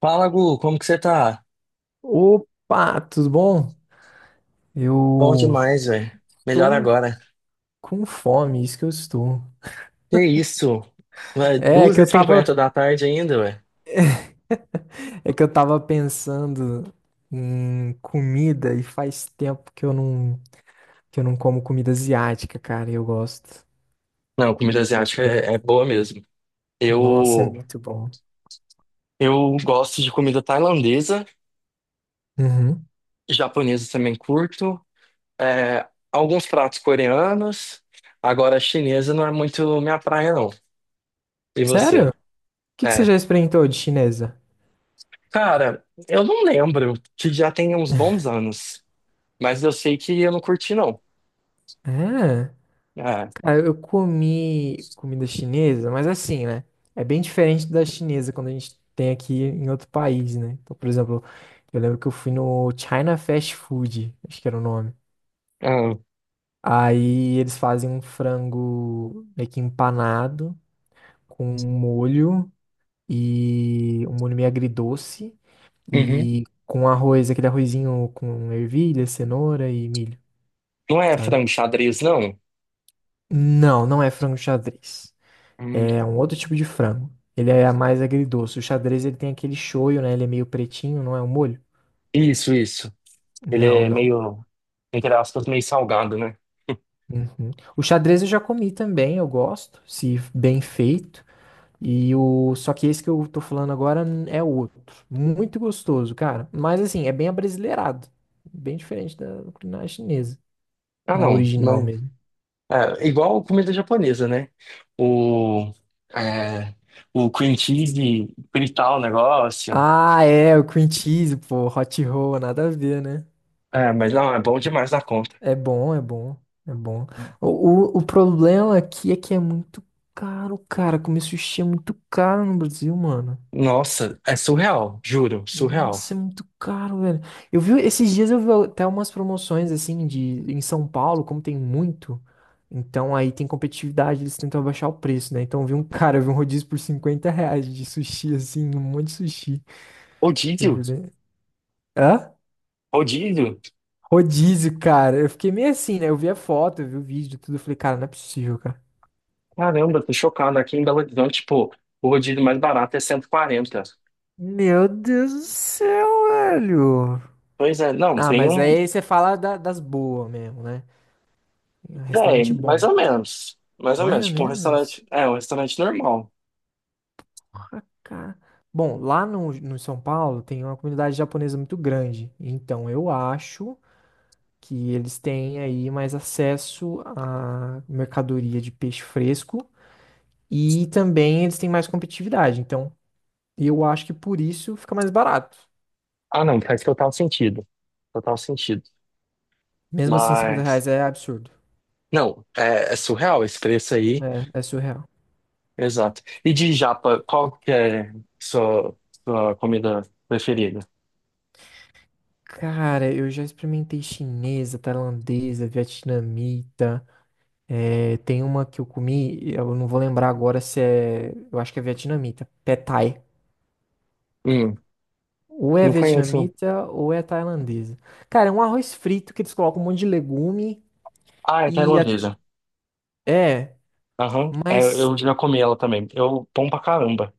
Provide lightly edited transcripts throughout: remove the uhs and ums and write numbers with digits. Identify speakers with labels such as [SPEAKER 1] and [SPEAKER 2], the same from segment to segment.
[SPEAKER 1] Fala, Gu, como que você tá?
[SPEAKER 2] Opa, tudo bom?
[SPEAKER 1] Bom
[SPEAKER 2] Eu
[SPEAKER 1] demais, velho. Melhor
[SPEAKER 2] tô
[SPEAKER 1] agora.
[SPEAKER 2] com fome, isso que eu estou.
[SPEAKER 1] Que isso? Vai,
[SPEAKER 2] É que eu
[SPEAKER 1] 2 e 50
[SPEAKER 2] tava,
[SPEAKER 1] da tarde ainda, velho.
[SPEAKER 2] é que eu tava pensando em comida e faz tempo que eu não como comida asiática, cara, e eu gosto.
[SPEAKER 1] Não, comida
[SPEAKER 2] Desse-
[SPEAKER 1] asiática é boa mesmo.
[SPEAKER 2] Nossa, é
[SPEAKER 1] Eu,
[SPEAKER 2] muito bom.
[SPEAKER 1] eu gosto de comida tailandesa,
[SPEAKER 2] Uhum.
[SPEAKER 1] japonesa também curto, alguns pratos coreanos. Agora, chinesa não é muito minha praia, não. E
[SPEAKER 2] Sério?
[SPEAKER 1] você?
[SPEAKER 2] O que você
[SPEAKER 1] É.
[SPEAKER 2] já experimentou de chinesa?
[SPEAKER 1] Cara, eu não lembro, que já tem uns bons anos, mas eu sei que eu não curti, não.
[SPEAKER 2] É.
[SPEAKER 1] É.
[SPEAKER 2] Cara, eu comi comida chinesa, mas assim, né? É bem diferente da chinesa quando a gente tem aqui em outro país, né? Então, por exemplo, eu lembro que eu fui no China Fast Food, acho que era o nome.
[SPEAKER 1] Ah,
[SPEAKER 2] Aí eles fazem um frango meio que empanado com um molho e um molho meio agridoce
[SPEAKER 1] uhum.
[SPEAKER 2] e com arroz, aquele arrozinho com ervilha, cenoura e milho,
[SPEAKER 1] Não é
[SPEAKER 2] sabe?
[SPEAKER 1] frango xadrez, não?
[SPEAKER 2] Não, não é frango xadrez. É
[SPEAKER 1] Tá.
[SPEAKER 2] um outro tipo de frango. Ele é mais agridoce. O xadrez ele tem aquele shoyu, né? Ele é meio pretinho, não é um molho?
[SPEAKER 1] Isso, isso. Ele
[SPEAKER 2] Não,
[SPEAKER 1] é
[SPEAKER 2] não.
[SPEAKER 1] meio, entre aspas, meio salgado, né?
[SPEAKER 2] Uhum. O xadrez eu já comi também, eu gosto, se bem feito. E o só que esse que eu tô falando agora é outro, muito gostoso, cara. Mas assim, é bem abrasileirado, bem diferente da culinária chinesa,
[SPEAKER 1] Ah,
[SPEAKER 2] na
[SPEAKER 1] não.
[SPEAKER 2] original
[SPEAKER 1] Mas,
[SPEAKER 2] mesmo.
[SPEAKER 1] igual comida japonesa, né? O, é, o cream cheese, fritar o negócio.
[SPEAKER 2] Ah, é, o cream cheese, pô, hot roll, nada a ver, né?
[SPEAKER 1] É, mas não, é bom demais da conta.
[SPEAKER 2] É bom, é bom, é bom. O problema aqui é que é muito caro, cara. Comer sushi é muito caro no Brasil, mano.
[SPEAKER 1] Nossa, é surreal, juro, surreal.
[SPEAKER 2] Nossa, é muito caro, velho. Eu vi, esses dias eu vi até umas promoções, assim, de, em São Paulo, como tem muito. Então aí tem competitividade, eles tentam abaixar o preço, né? Então eu vi um cara, eu vi um rodízio por R$ 50 de sushi, assim, um monte de sushi. Eu
[SPEAKER 1] Rodízio?
[SPEAKER 2] falei, hã?
[SPEAKER 1] Rodízio?
[SPEAKER 2] Rodízio, cara. Eu fiquei meio assim, né? Eu vi a foto, eu vi o vídeo, tudo. Eu falei, cara, não é possível, cara.
[SPEAKER 1] Caramba, tô chocado. Aqui em Belo Horizonte, tipo, o rodízio mais barato é 140.
[SPEAKER 2] Meu Deus do céu, velho.
[SPEAKER 1] Pois é, não,
[SPEAKER 2] Ah,
[SPEAKER 1] tem
[SPEAKER 2] mas
[SPEAKER 1] um.
[SPEAKER 2] aí você fala das boas mesmo, né?
[SPEAKER 1] Véi,
[SPEAKER 2] Restaurante
[SPEAKER 1] mais
[SPEAKER 2] bom.
[SPEAKER 1] ou menos. Mais ou
[SPEAKER 2] Mais
[SPEAKER 1] menos.
[SPEAKER 2] ou
[SPEAKER 1] Tipo, um
[SPEAKER 2] menos.
[SPEAKER 1] restaurante. É, um restaurante normal.
[SPEAKER 2] Ah, cara. Bom, lá no São Paulo tem uma comunidade japonesa muito grande. Então eu acho que eles têm aí mais acesso à mercadoria de peixe fresco e também eles têm mais competitividade. Então eu acho que por isso fica mais barato.
[SPEAKER 1] Ah, não, faz total sentido. Total sentido.
[SPEAKER 2] Mesmo assim, 50
[SPEAKER 1] Mas.
[SPEAKER 2] reais é absurdo.
[SPEAKER 1] Não, é surreal esse preço aí.
[SPEAKER 2] É, é surreal.
[SPEAKER 1] Exato. E de japa, qual que é sua, sua comida preferida?
[SPEAKER 2] Cara, eu já experimentei chinesa, tailandesa, vietnamita. É, tem uma que eu comi, eu não vou lembrar agora se é. Eu acho que é vietnamita. Pad Thai.
[SPEAKER 1] Hum,
[SPEAKER 2] Ou é
[SPEAKER 1] não conheço.
[SPEAKER 2] vietnamita ou é tailandesa. Cara, é um arroz frito que eles colocam um monte de legume
[SPEAKER 1] Ah, é
[SPEAKER 2] e. a-
[SPEAKER 1] tailandesa.
[SPEAKER 2] É,
[SPEAKER 1] Aham. É,
[SPEAKER 2] mas
[SPEAKER 1] eu já comi ela também. Bom pra caramba.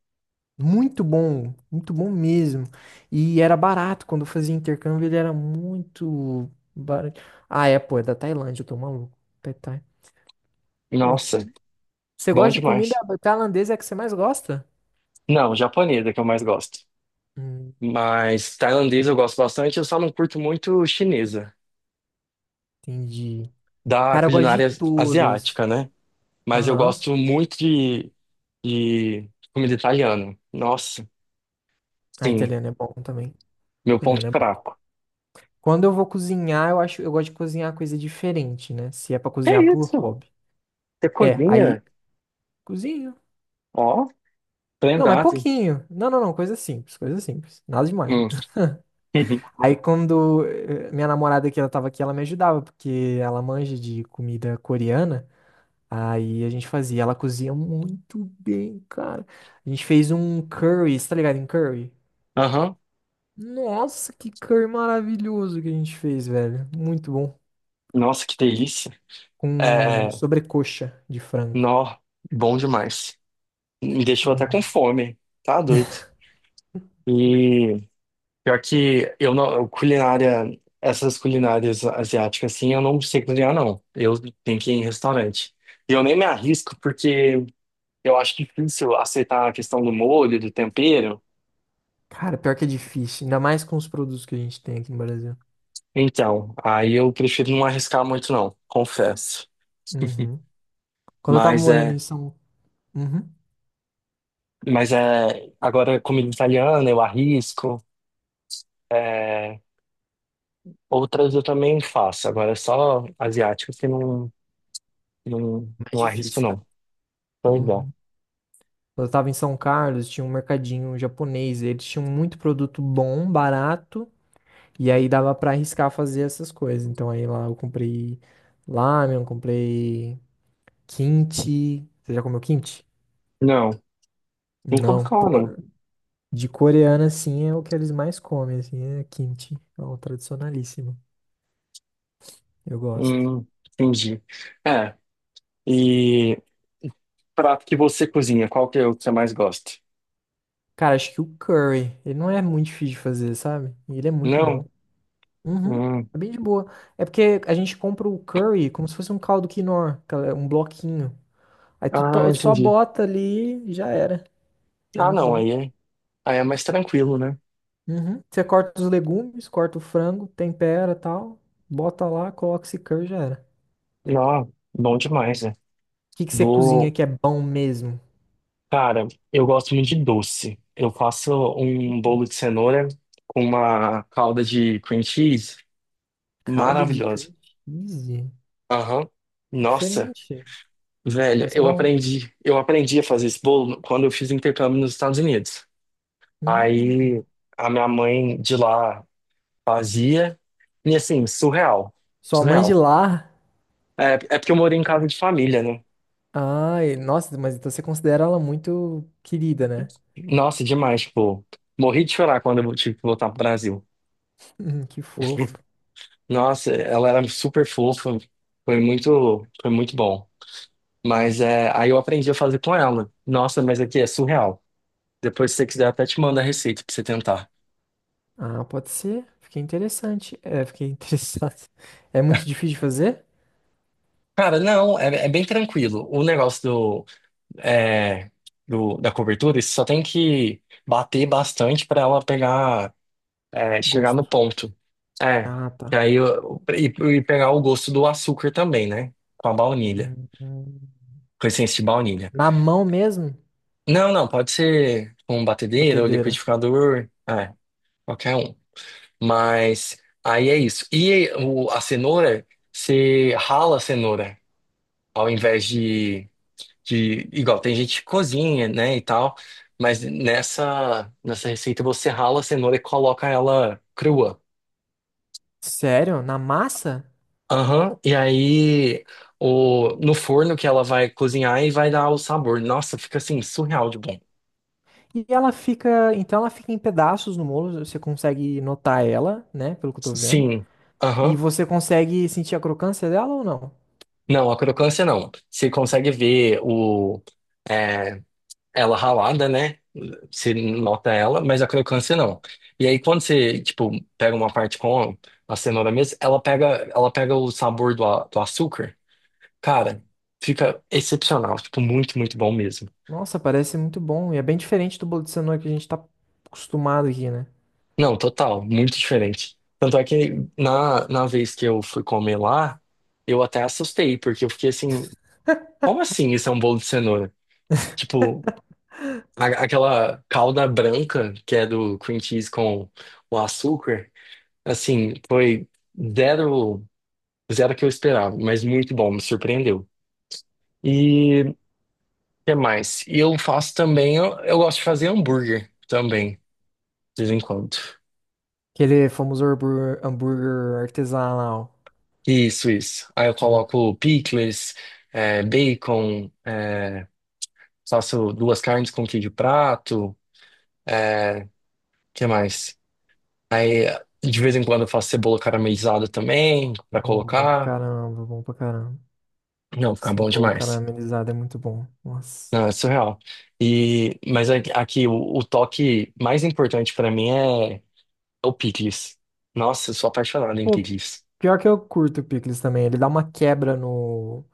[SPEAKER 2] muito bom. Muito bom mesmo. E era barato. Quando eu fazia intercâmbio, ele era muito barato. Ah, é, pô, é da Tailândia, eu tô maluco. Pad Thai. Pô, tinha
[SPEAKER 1] Nossa,
[SPEAKER 2] Você
[SPEAKER 1] bom
[SPEAKER 2] gosta de comida
[SPEAKER 1] demais.
[SPEAKER 2] tailandesa é a que você mais gosta?
[SPEAKER 1] Não, japonesa que eu mais gosto.
[SPEAKER 2] Hum,
[SPEAKER 1] Mas tailandesa eu gosto bastante, eu só não curto muito chinesa,
[SPEAKER 2] entendi.
[SPEAKER 1] da
[SPEAKER 2] Cara, eu gosto de
[SPEAKER 1] culinária
[SPEAKER 2] todas.
[SPEAKER 1] asiática, né? Mas eu
[SPEAKER 2] Aham.
[SPEAKER 1] gosto muito de comida italiana. Nossa,
[SPEAKER 2] A
[SPEAKER 1] sim,
[SPEAKER 2] italiana é bom também.
[SPEAKER 1] meu ponto
[SPEAKER 2] Italiana é bom.
[SPEAKER 1] fraco.
[SPEAKER 2] Quando eu vou cozinhar, eu acho, eu gosto de cozinhar coisa diferente, né? Se é pra
[SPEAKER 1] Que
[SPEAKER 2] cozinhar por
[SPEAKER 1] isso?
[SPEAKER 2] hobby.
[SPEAKER 1] Você
[SPEAKER 2] É, aí
[SPEAKER 1] cozinha?
[SPEAKER 2] cozinho.
[SPEAKER 1] Ó,
[SPEAKER 2] Não, mas
[SPEAKER 1] prendado.
[SPEAKER 2] pouquinho. Não, não, não, coisa simples, coisa simples. Nada demais.
[SPEAKER 1] Hum.
[SPEAKER 2] Aí quando minha namorada que ela tava aqui, ela me ajudava, porque ela manja de comida coreana. Aí a gente fazia. Ela cozinha muito bem, cara. A gente fez um curry, você tá ligado em curry?
[SPEAKER 1] Aham.
[SPEAKER 2] Nossa, que curry maravilhoso que a gente fez, velho. Muito bom.
[SPEAKER 1] Nossa, que delícia.
[SPEAKER 2] Com
[SPEAKER 1] É,
[SPEAKER 2] sobrecoxa de frango.
[SPEAKER 1] nó, bom demais. Me deixou até com
[SPEAKER 2] Uhum.
[SPEAKER 1] fome. Tá doido. E Pior que eu não, culinária, essas culinárias asiáticas assim, eu não sei cozinhar não. Eu tenho que ir em restaurante. E eu nem me arrisco porque eu acho difícil aceitar a questão do molho, do tempero.
[SPEAKER 2] Cara, pior que é difícil. Ainda mais com os produtos que a gente tem aqui no Brasil.
[SPEAKER 1] Então, aí eu prefiro não arriscar muito não, confesso.
[SPEAKER 2] Uhum. Quando eu tava
[SPEAKER 1] Mas
[SPEAKER 2] morando
[SPEAKER 1] é,
[SPEAKER 2] em São... Uhum.
[SPEAKER 1] mas é, agora comida italiana eu arrisco, é, outras eu também faço. Agora é só asiáticas que não, não,
[SPEAKER 2] Mais
[SPEAKER 1] não arrisco
[SPEAKER 2] difícil, cara.
[SPEAKER 1] não. Pois
[SPEAKER 2] Uhum.
[SPEAKER 1] é.
[SPEAKER 2] Quando eu tava em São Carlos, tinha um mercadinho japonês. Eles tinham muito produto bom, barato. E aí dava pra arriscar fazer essas coisas. Então aí lá eu comprei ramen, comprei kimchi. Você já comeu kimchi?
[SPEAKER 1] Não. Nunca ouvi
[SPEAKER 2] Não.
[SPEAKER 1] falar,
[SPEAKER 2] Pô,
[SPEAKER 1] não.
[SPEAKER 2] de coreana, assim, é o que eles mais comem, assim, é kimchi. É o tradicionalíssimo. Eu gosto.
[SPEAKER 1] Hum, entendi. É, e prato que você cozinha, qual que é o que você mais gosta?
[SPEAKER 2] Cara, acho que o curry, ele não é muito difícil de fazer, sabe? E ele é muito bom.
[SPEAKER 1] Não?
[SPEAKER 2] Uhum.
[SPEAKER 1] Hum.
[SPEAKER 2] É bem de boa. É porque a gente compra o curry como se fosse um caldo quinoa, aquela- um bloquinho. Aí
[SPEAKER 1] Ah,
[SPEAKER 2] só
[SPEAKER 1] entendi.
[SPEAKER 2] bota ali e já era. É
[SPEAKER 1] Ah,
[SPEAKER 2] muito
[SPEAKER 1] não,
[SPEAKER 2] bom.
[SPEAKER 1] aí é mais tranquilo, né?
[SPEAKER 2] Uhum. Você corta os legumes, corta o frango, tempera tal, bota lá, coloca esse curry já era.
[SPEAKER 1] Não, bom demais, né?
[SPEAKER 2] O que você cozinha
[SPEAKER 1] Vou.
[SPEAKER 2] que é bom mesmo?
[SPEAKER 1] Cara, eu gosto muito de doce. Eu faço um bolo de cenoura com uma calda de cream cheese
[SPEAKER 2] Calda de
[SPEAKER 1] maravilhosa.
[SPEAKER 2] curry cheese?
[SPEAKER 1] Aham. Nossa,
[SPEAKER 2] Diferente.
[SPEAKER 1] velho,
[SPEAKER 2] Parece
[SPEAKER 1] eu
[SPEAKER 2] bom.
[SPEAKER 1] aprendi, eu aprendi a fazer esse bolo quando eu fiz intercâmbio nos Estados Unidos.
[SPEAKER 2] Hum.
[SPEAKER 1] Aí a minha mãe de lá fazia. E assim, surreal.
[SPEAKER 2] Sua mãe de
[SPEAKER 1] Surreal.
[SPEAKER 2] lá?
[SPEAKER 1] É porque eu morei em casa de família, né?
[SPEAKER 2] Ai, nossa, mas então você considera ela muito querida, né?
[SPEAKER 1] Nossa, demais, tipo, morri de chorar quando eu tive que voltar pro Brasil.
[SPEAKER 2] Que fofo.
[SPEAKER 1] Nossa, ela era super fofa. Foi muito bom. Mas é, aí eu aprendi a fazer com ela. Nossa, mas aqui é surreal. Depois, se você quiser, até te mando a receita pra você tentar.
[SPEAKER 2] Ah, pode ser. Fiquei interessante. É, fiquei interessado. É muito difícil de fazer?
[SPEAKER 1] Cara, não, é bem tranquilo. O negócio é, da cobertura, você só tem que bater bastante para ela pegar, chegar no
[SPEAKER 2] Gosto.
[SPEAKER 1] ponto. É,
[SPEAKER 2] Ah,
[SPEAKER 1] e
[SPEAKER 2] tá.
[SPEAKER 1] aí e pegar o gosto do açúcar também, né? Com a baunilha,
[SPEAKER 2] Hum, hum.
[SPEAKER 1] com a essência de baunilha.
[SPEAKER 2] Na mão mesmo?
[SPEAKER 1] Não, não, pode ser com batedeira ou
[SPEAKER 2] Batedeira.
[SPEAKER 1] liquidificador, qualquer um. Mas aí é isso. E a cenoura, você rala a cenoura ao invés de igual tem gente que cozinha, né, e tal, mas nessa receita você rala a cenoura e coloca ela crua.
[SPEAKER 2] Sério? Na massa?
[SPEAKER 1] Aham, e aí o no forno que ela vai cozinhar e vai dar o sabor. Nossa, fica assim surreal de bom.
[SPEAKER 2] E ela fica, então ela fica em pedaços no bolo, você consegue notar ela, né, pelo que eu tô vendo.
[SPEAKER 1] Sim.
[SPEAKER 2] E
[SPEAKER 1] Aham.
[SPEAKER 2] você consegue sentir a crocância dela ou não?
[SPEAKER 1] Não, a crocância não. Você consegue ver é, ela ralada, né? Você nota ela, mas a crocância não. E aí quando você, tipo, pega uma parte com a cenoura mesmo, ela pega o sabor do açúcar. Cara, fica excepcional, tipo, muito, muito bom mesmo.
[SPEAKER 2] Nossa, parece muito bom e é bem diferente do bolo de cenoura que a gente tá acostumado aqui, né?
[SPEAKER 1] Não, total, muito diferente. Tanto é que na vez que eu fui comer lá, eu até assustei, porque eu fiquei assim, como assim isso é um bolo de cenoura? Tipo, aquela calda branca que é do cream cheese com o açúcar, assim, foi zero, zero que eu esperava, mas muito bom, me surpreendeu. E o que mais? E eu faço também, eu gosto de fazer hambúrguer também, de vez em quando.
[SPEAKER 2] Aquele famoso hambúrguer, hambúrguer artesanal.
[SPEAKER 1] Isso, isso. Aí eu
[SPEAKER 2] Hum,
[SPEAKER 1] coloco picles, bacon, faço duas carnes com queijo prato, é, que mais? Aí, de vez em quando, eu faço cebola caramelizada também, pra
[SPEAKER 2] bom, bom pra
[SPEAKER 1] colocar.
[SPEAKER 2] caramba, bom pra caramba.
[SPEAKER 1] Não, fica bom
[SPEAKER 2] Cebola
[SPEAKER 1] demais.
[SPEAKER 2] caramelizada é muito bom. Nossa.
[SPEAKER 1] Não, é surreal. E, mas aqui, o toque mais importante pra mim é o picles. Nossa, eu sou apaixonado em
[SPEAKER 2] Pô,
[SPEAKER 1] picles.
[SPEAKER 2] pior que eu curto o picles também, ele dá uma quebra no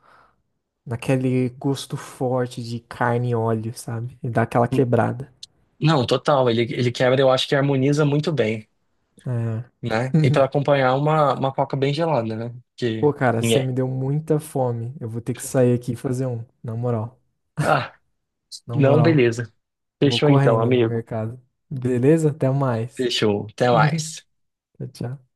[SPEAKER 2] Naquele gosto forte de carne e óleo, sabe? E dá aquela
[SPEAKER 1] N-
[SPEAKER 2] quebrada.
[SPEAKER 1] Não, total. Ele quebra, eu acho que harmoniza muito bem,
[SPEAKER 2] É.
[SPEAKER 1] né? E pra acompanhar uma coca bem gelada, né? Que
[SPEAKER 2] Pô, cara, você
[SPEAKER 1] ninguém.
[SPEAKER 2] me deu muita fome. Eu vou ter que sair aqui e fazer um. Na moral,
[SPEAKER 1] Ah,
[SPEAKER 2] na
[SPEAKER 1] não,
[SPEAKER 2] moral.
[SPEAKER 1] beleza.
[SPEAKER 2] Vou
[SPEAKER 1] Fechou então,
[SPEAKER 2] correndo no
[SPEAKER 1] amigo.
[SPEAKER 2] mercado. Beleza? Até mais.
[SPEAKER 1] Fechou. Até mais.
[SPEAKER 2] Tchau, tchau.